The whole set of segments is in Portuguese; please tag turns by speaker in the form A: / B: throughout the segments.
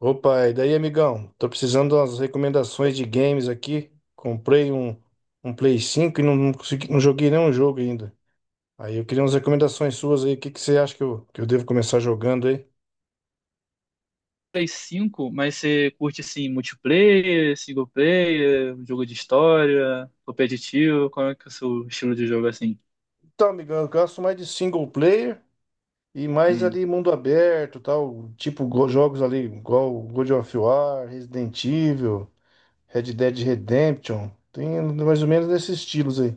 A: Opa, e daí, amigão? Tô precisando de umas recomendações de games aqui. Comprei um Play 5 e não consegui, não joguei nenhum jogo ainda. Aí eu queria umas recomendações suas aí. O que, que você acha que eu devo começar jogando aí?
B: Play cinco, mas você curte assim multiplayer, single player, jogo de história, competitivo? Qual é que é o seu estilo de jogo assim?
A: Então, amigão, eu gosto mais de single player e mais
B: Hum,
A: ali mundo aberto, tal, tipo jogos ali, igual God of War, Resident Evil, Red Dead Redemption. Tem mais ou menos nesses estilos aí.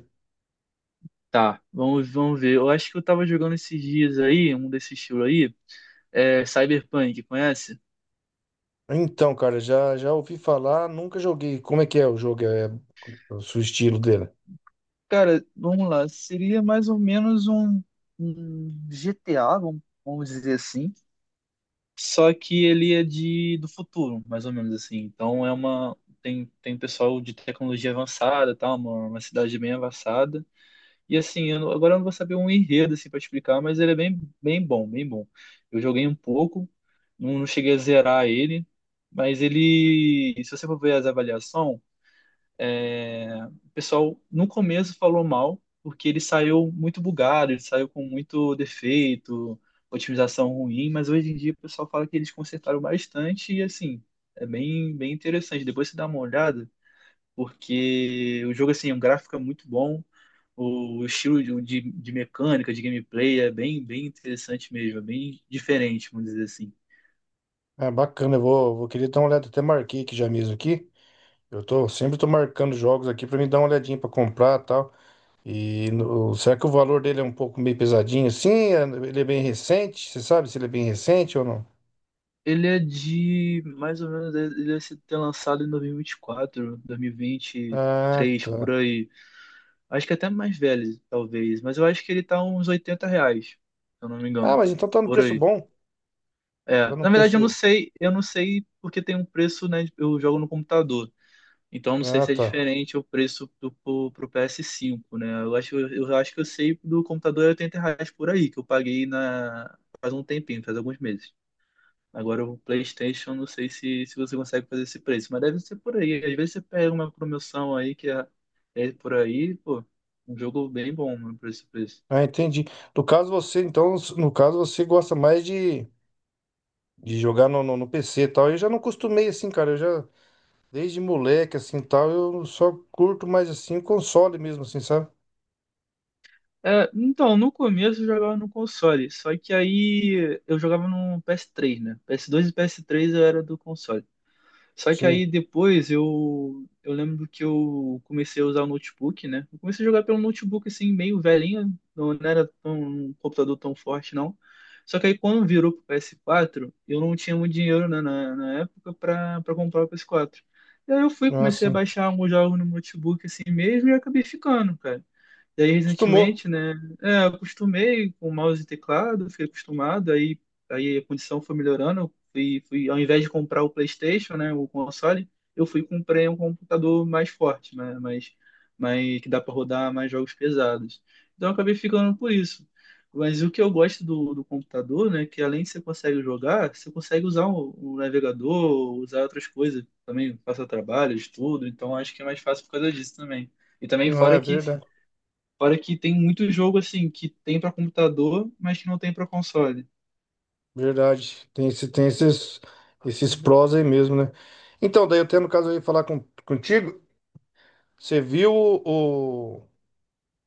B: tá, vamos ver. Eu acho que eu tava jogando esses dias aí, um desse estilo aí, é Cyberpunk, conhece?
A: Então, cara, já ouvi falar, nunca joguei. Como é que é o jogo? É o seu estilo dele.
B: Cara, vamos lá. Seria mais ou menos um GTA, vamos dizer assim. Só que ele é de do futuro, mais ou menos assim. Então é uma tem pessoal de tecnologia avançada, tá? Uma cidade bem avançada. E assim, eu não- agora eu não vou saber um enredo assim para explicar, mas ele é bem bom, bem bom. Eu joguei um pouco, não cheguei a zerar ele, mas ele, se você for ver as avaliações é, o pessoal no começo falou mal, porque ele saiu muito bugado, ele saiu com muito defeito, otimização ruim, mas hoje em dia o pessoal fala que eles consertaram bastante e assim, é bem, bem interessante. Depois você dá uma olhada, porque o jogo assim, o gráfico é muito bom, o estilo de mecânica, de gameplay é bem, bem interessante mesmo, é bem diferente, vamos dizer assim.
A: É bacana, eu vou querer dar uma olhada. Até marquei aqui já mesmo aqui. Eu tô, sempre tô marcando jogos aqui pra me dar uma olhadinha pra comprar e tal. Será que o valor dele é um pouco meio pesadinho assim? Ele é bem recente? Você sabe se ele é bem recente ou não?
B: Ele é de, mais ou menos, ele ter lançado em 2024,
A: Ah,
B: 2023,
A: tá.
B: por aí. Acho que até mais velho, talvez. Mas eu acho que ele tá uns R$ 80, se eu não me
A: Ah,
B: engano.
A: mas então tá no
B: Por
A: preço
B: aí.
A: bom.
B: É,
A: Tá no
B: na verdade
A: preço.
B: eu não sei porque tem um preço, né? Eu jogo no computador. Então eu não sei
A: Ah,
B: se é
A: tá.
B: diferente o preço pro PS5, né? Eu acho que eu sei do computador é R$ 80 por aí, que eu paguei na, faz um tempinho, faz alguns meses. Agora o PlayStation, não sei se você consegue fazer esse preço, mas deve ser por aí. Às vezes você pega uma promoção aí que é, é por aí, pô, um jogo bem bom, mano, por esse preço.
A: Ah, entendi. No caso você, então, no caso você gosta mais de jogar no PC e tal. Eu já não costumei assim, cara. Eu já Desde moleque, assim, tal, eu só curto mais, assim, o console mesmo, assim, sabe?
B: É, então, no começo eu jogava no console, só que aí eu jogava no PS3, né? PS2 e PS3 eu era do console. Só que aí
A: Sim,
B: depois eu lembro que eu comecei a usar o notebook, né? Eu comecei a jogar pelo notebook assim, meio velhinho, não era tão, um computador tão forte não. Só que aí quando virou pro PS4, eu não tinha muito dinheiro né, na época pra comprar o PS4. E aí eu fui,
A: não é
B: comecei a
A: assim.
B: baixar alguns jogos no notebook assim mesmo e acabei ficando, cara. Daí,
A: Acostumou.
B: recentemente, né, é, eu acostumei com mouse e teclado, fiquei acostumado, aí, aí a condição foi melhorando, eu ao invés de comprar o PlayStation, né, o console, eu fui e comprei um computador mais forte, né, que dá para rodar mais jogos pesados. Então, eu acabei ficando por isso. Mas o que eu gosto do computador, né, que além de você consegue jogar, você consegue usar o navegador, usar outras coisas também, passar trabalho, estudo, então acho que é mais fácil por causa disso também. E também
A: Não, é verdade.
B: fora que tem muito jogo assim que tem para computador, mas que não tem para console.
A: Verdade. Tem esses prós aí mesmo, né? Então, daí eu tenho no caso aí falar contigo. Você viu o-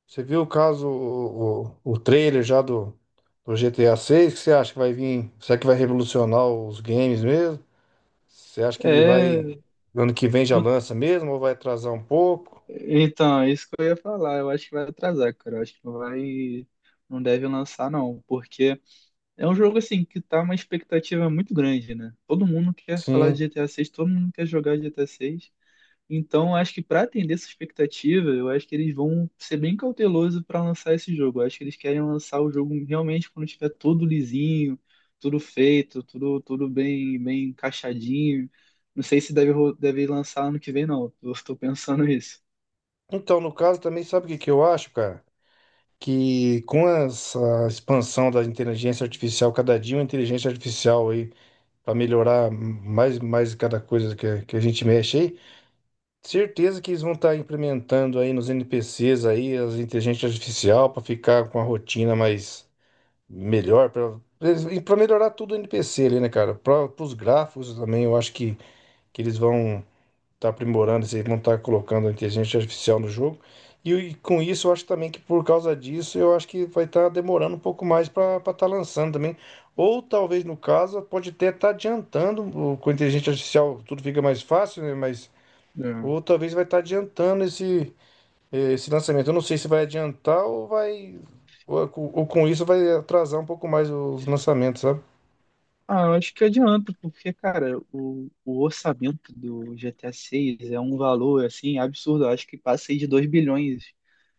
A: você viu o caso, o trailer já do GTA 6? O que você acha que vai vir? Será que vai revolucionar os games mesmo? Você acha que ele
B: É,
A: vai, ano que vem já
B: eu-
A: lança mesmo ou vai atrasar um pouco?
B: então, é isso que eu ia falar, eu acho que vai atrasar, cara. Eu acho que não vai, não deve lançar não, porque é um jogo assim que tá uma expectativa muito grande, né? Todo mundo quer falar de
A: Sim.
B: GTA 6, todo mundo quer jogar GTA 6. Então, acho que para atender essa expectativa, eu acho que eles vão ser bem cautelosos para lançar esse jogo. Eu acho que eles querem lançar o jogo realmente quando estiver tudo lisinho, tudo feito, tudo, tudo bem, bem encaixadinho. Não sei se deve lançar ano que vem, não. Eu estou pensando isso.
A: Então, no caso também, sabe o que que eu acho, cara? Que com essa expansão da inteligência artificial, cada dia uma inteligência artificial aí, para melhorar mais cada coisa que a gente mexe aí, certeza que eles vão estar implementando aí nos NPCs aí as inteligências artificial para ficar com a rotina mais melhor, para melhorar tudo o NPC ali, né, cara? Para os gráficos também, eu acho que eles vão tá aprimorando, se não tá colocando a inteligência artificial no jogo. E com isso, eu acho também que por causa disso, eu acho que vai estar demorando um pouco mais para estar lançando também. Ou talvez, no caso, pode até estar adiantando, com a inteligência artificial tudo fica mais fácil, né? Mas,
B: É.
A: ou talvez vai estar adiantando esse lançamento. Eu não sei se vai adiantar ou vai. Ou, ou com isso vai atrasar um pouco mais os lançamentos, sabe?
B: Ah, eu acho que adianta, porque, cara, o orçamento do GTA VI é um valor, assim, absurdo. Eu acho que passa aí de 2 bilhões.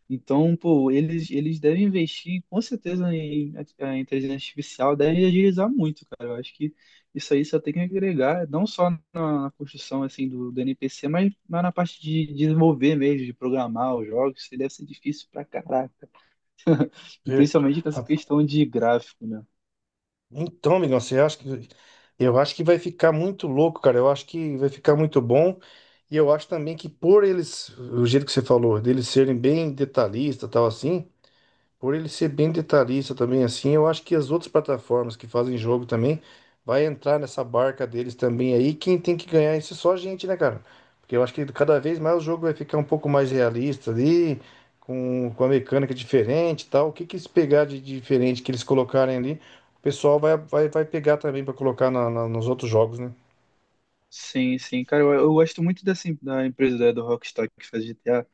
B: Então, pô, eles devem investir com certeza em a inteligência artificial, devem agilizar muito, cara. Eu acho que isso aí só tem que agregar, não só na construção assim do NPC, mas na parte de desenvolver mesmo, de programar os jogos, isso aí deve ser difícil pra caraca. E
A: E-
B: principalmente com essa questão de gráfico, né?
A: Então, amigão, você acha que eu acho que vai ficar muito louco, cara. Eu acho que vai ficar muito bom. E eu acho também que por eles, o jeito que você falou, deles serem bem detalhista, tal assim, por ele ser bem detalhista também assim, eu acho que as outras plataformas que fazem jogo também vai entrar nessa barca deles também aí. Quem tem que ganhar isso é só a gente, né, cara? Porque eu acho que cada vez mais o jogo vai ficar um pouco mais realista ali, com a mecânica diferente e tal. O que que eles pegar de diferente que eles colocarem ali, o pessoal vai pegar também pra colocar nos outros jogos, né?
B: Sim, sim. Cara, eu gosto muito dessa, da empresa do Rockstar que faz GTA,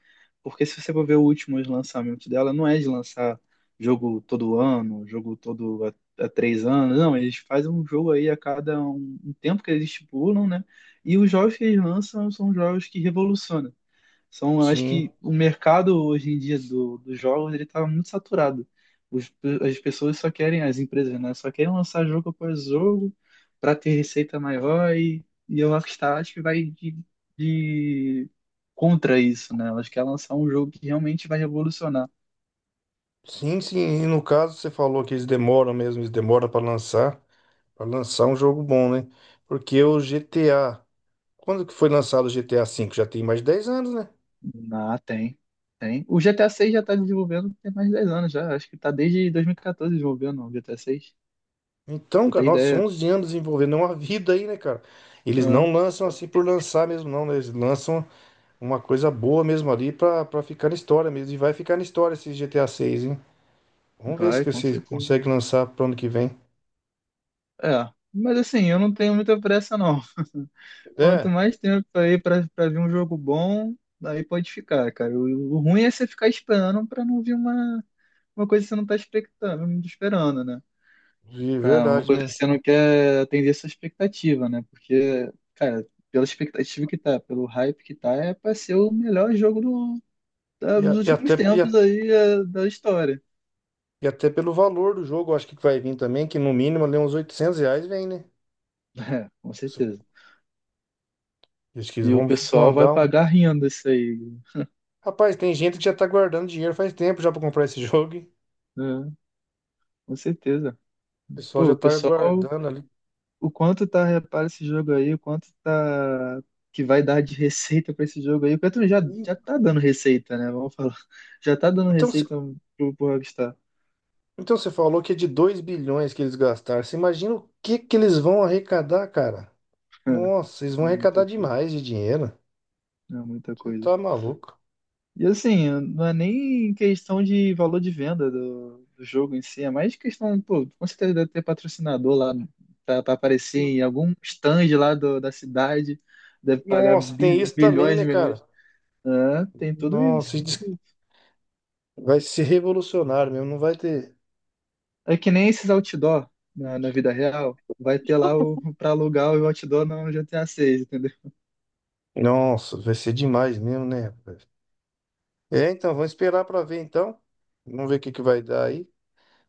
B: porque se você for ver os últimos lançamentos dela, não é de lançar jogo todo ano, jogo todo a três anos, não, eles fazem um jogo aí a cada um tempo que eles estipulam, né? E os jogos que eles lançam são jogos que revolucionam. São, eu acho
A: Sim,
B: que o mercado hoje em dia dos jogos ele está muito saturado. Os- as pessoas só querem, as empresas, né? Só querem lançar jogo após jogo para ter receita maior e a Rockstar acho que vai de contra isso, né? Elas querem lançar um jogo que realmente vai revolucionar.
A: sim, sim. E no caso, você falou que eles demoram mesmo, eles demoram pra lançar. Pra lançar um jogo bom, né? Porque o GTA. Quando que foi lançado o GTA V? Já tem mais de 10 anos, né?
B: Ah, tem. Tem. O GTA 6 já está desenvolvendo tem mais de 10 anos já. Acho que está desde 2014 desenvolvendo o GTA 6.
A: Então,
B: Você
A: cara,
B: tem
A: nossa,
B: ideia?
A: 11 anos desenvolvendo é uma vida aí, né, cara? Eles
B: Ah,
A: não lançam assim por lançar mesmo, não, né? Eles lançam uma coisa boa mesmo ali pra ficar na história mesmo. E vai ficar na história esse GTA 6, hein? Vamos ver se
B: vai,
A: que
B: com
A: vocês
B: certeza.
A: conseguem lançar pro ano que vem.
B: É, mas assim, eu não tenho muita pressa, não. Quanto
A: É,
B: mais tempo aí pra ver um jogo bom, aí pode ficar, cara. O ruim é você ficar esperando pra não vir uma coisa que você não tá expectando, esperando, né?
A: de
B: Pra uma
A: verdade
B: coisa que
A: mesmo.
B: você não quer atender essa expectativa, né? Porque, cara, pela expectativa que tá, pelo hype que tá, é pra ser o melhor jogo
A: E,
B: dos
A: a- e até,
B: últimos
A: e, a-
B: tempos aí é, da história.
A: e até pelo valor do jogo, eu acho que vai vir também, que no mínimo ali uns 800 reais vem, né?
B: É, com certeza.
A: Eles que
B: E o
A: vamos
B: pessoal vai
A: mandar um.
B: pagar rindo isso aí,
A: Rapaz, tem gente que já tá guardando dinheiro faz tempo já pra comprar esse jogo. Hein?
B: né? Com certeza.
A: O pessoal
B: Pô,
A: já
B: o
A: tá
B: pessoal,
A: guardando ali.
B: o quanto tá, repara esse jogo aí, o quanto tá que vai dar de receita pra esse jogo aí. O Petro já,
A: E-
B: já tá dando receita, né? Vamos falar. Já tá dando
A: Então, cê-
B: receita pro Rockstar.
A: então você falou que é de 2 bilhões que eles gastaram. Você imagina o que que eles vão arrecadar, cara?
B: É,
A: Nossa, eles
B: é
A: vão
B: muita
A: arrecadar
B: coisa.
A: demais de dinheiro.
B: É muita
A: Você
B: coisa.
A: tá maluco.
B: E assim, não é nem questão de valor de venda do jogo em si, é mais questão, pô, com certeza deve ter patrocinador lá pra aparecer
A: N-
B: em algum stand lá da cidade, deve pagar
A: Nossa, tem isso também,
B: bilhões
A: né,
B: e
A: cara?
B: milhões. É, tem tudo isso,
A: Nossa,
B: tem tudo.
A: vai ser revolucionário mesmo, não vai ter.
B: É que nem esses outdoor na vida real. Vai ter lá o para alugar o outdoor no GTA 6, entendeu?
A: Nossa, vai ser demais mesmo, né, rapaz? É, então, vamos esperar pra ver então. Vamos ver o que que vai dar aí.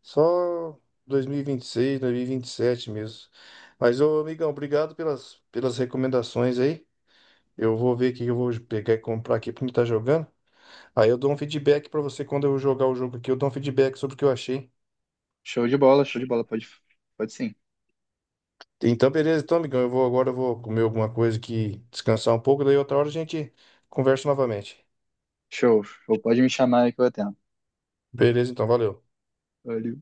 A: Só 2026, 2027 mesmo. Mas, ô, amigão, obrigado pelas recomendações aí. Eu vou ver o que eu vou pegar e comprar aqui pra mim estar jogando. Aí eu dou um feedback pra você quando eu jogar o jogo aqui. Eu dou um feedback sobre o que eu achei.
B: Show de bola, show de bola. Pode, pode sim.
A: Então, beleza. Então, amigão, eu vou agora eu vou comer alguma coisa aqui, descansar um pouco. Daí outra hora a gente conversa novamente.
B: Show, show. Pode me chamar aí que eu atendo.
A: Beleza, então, valeu.
B: Valeu.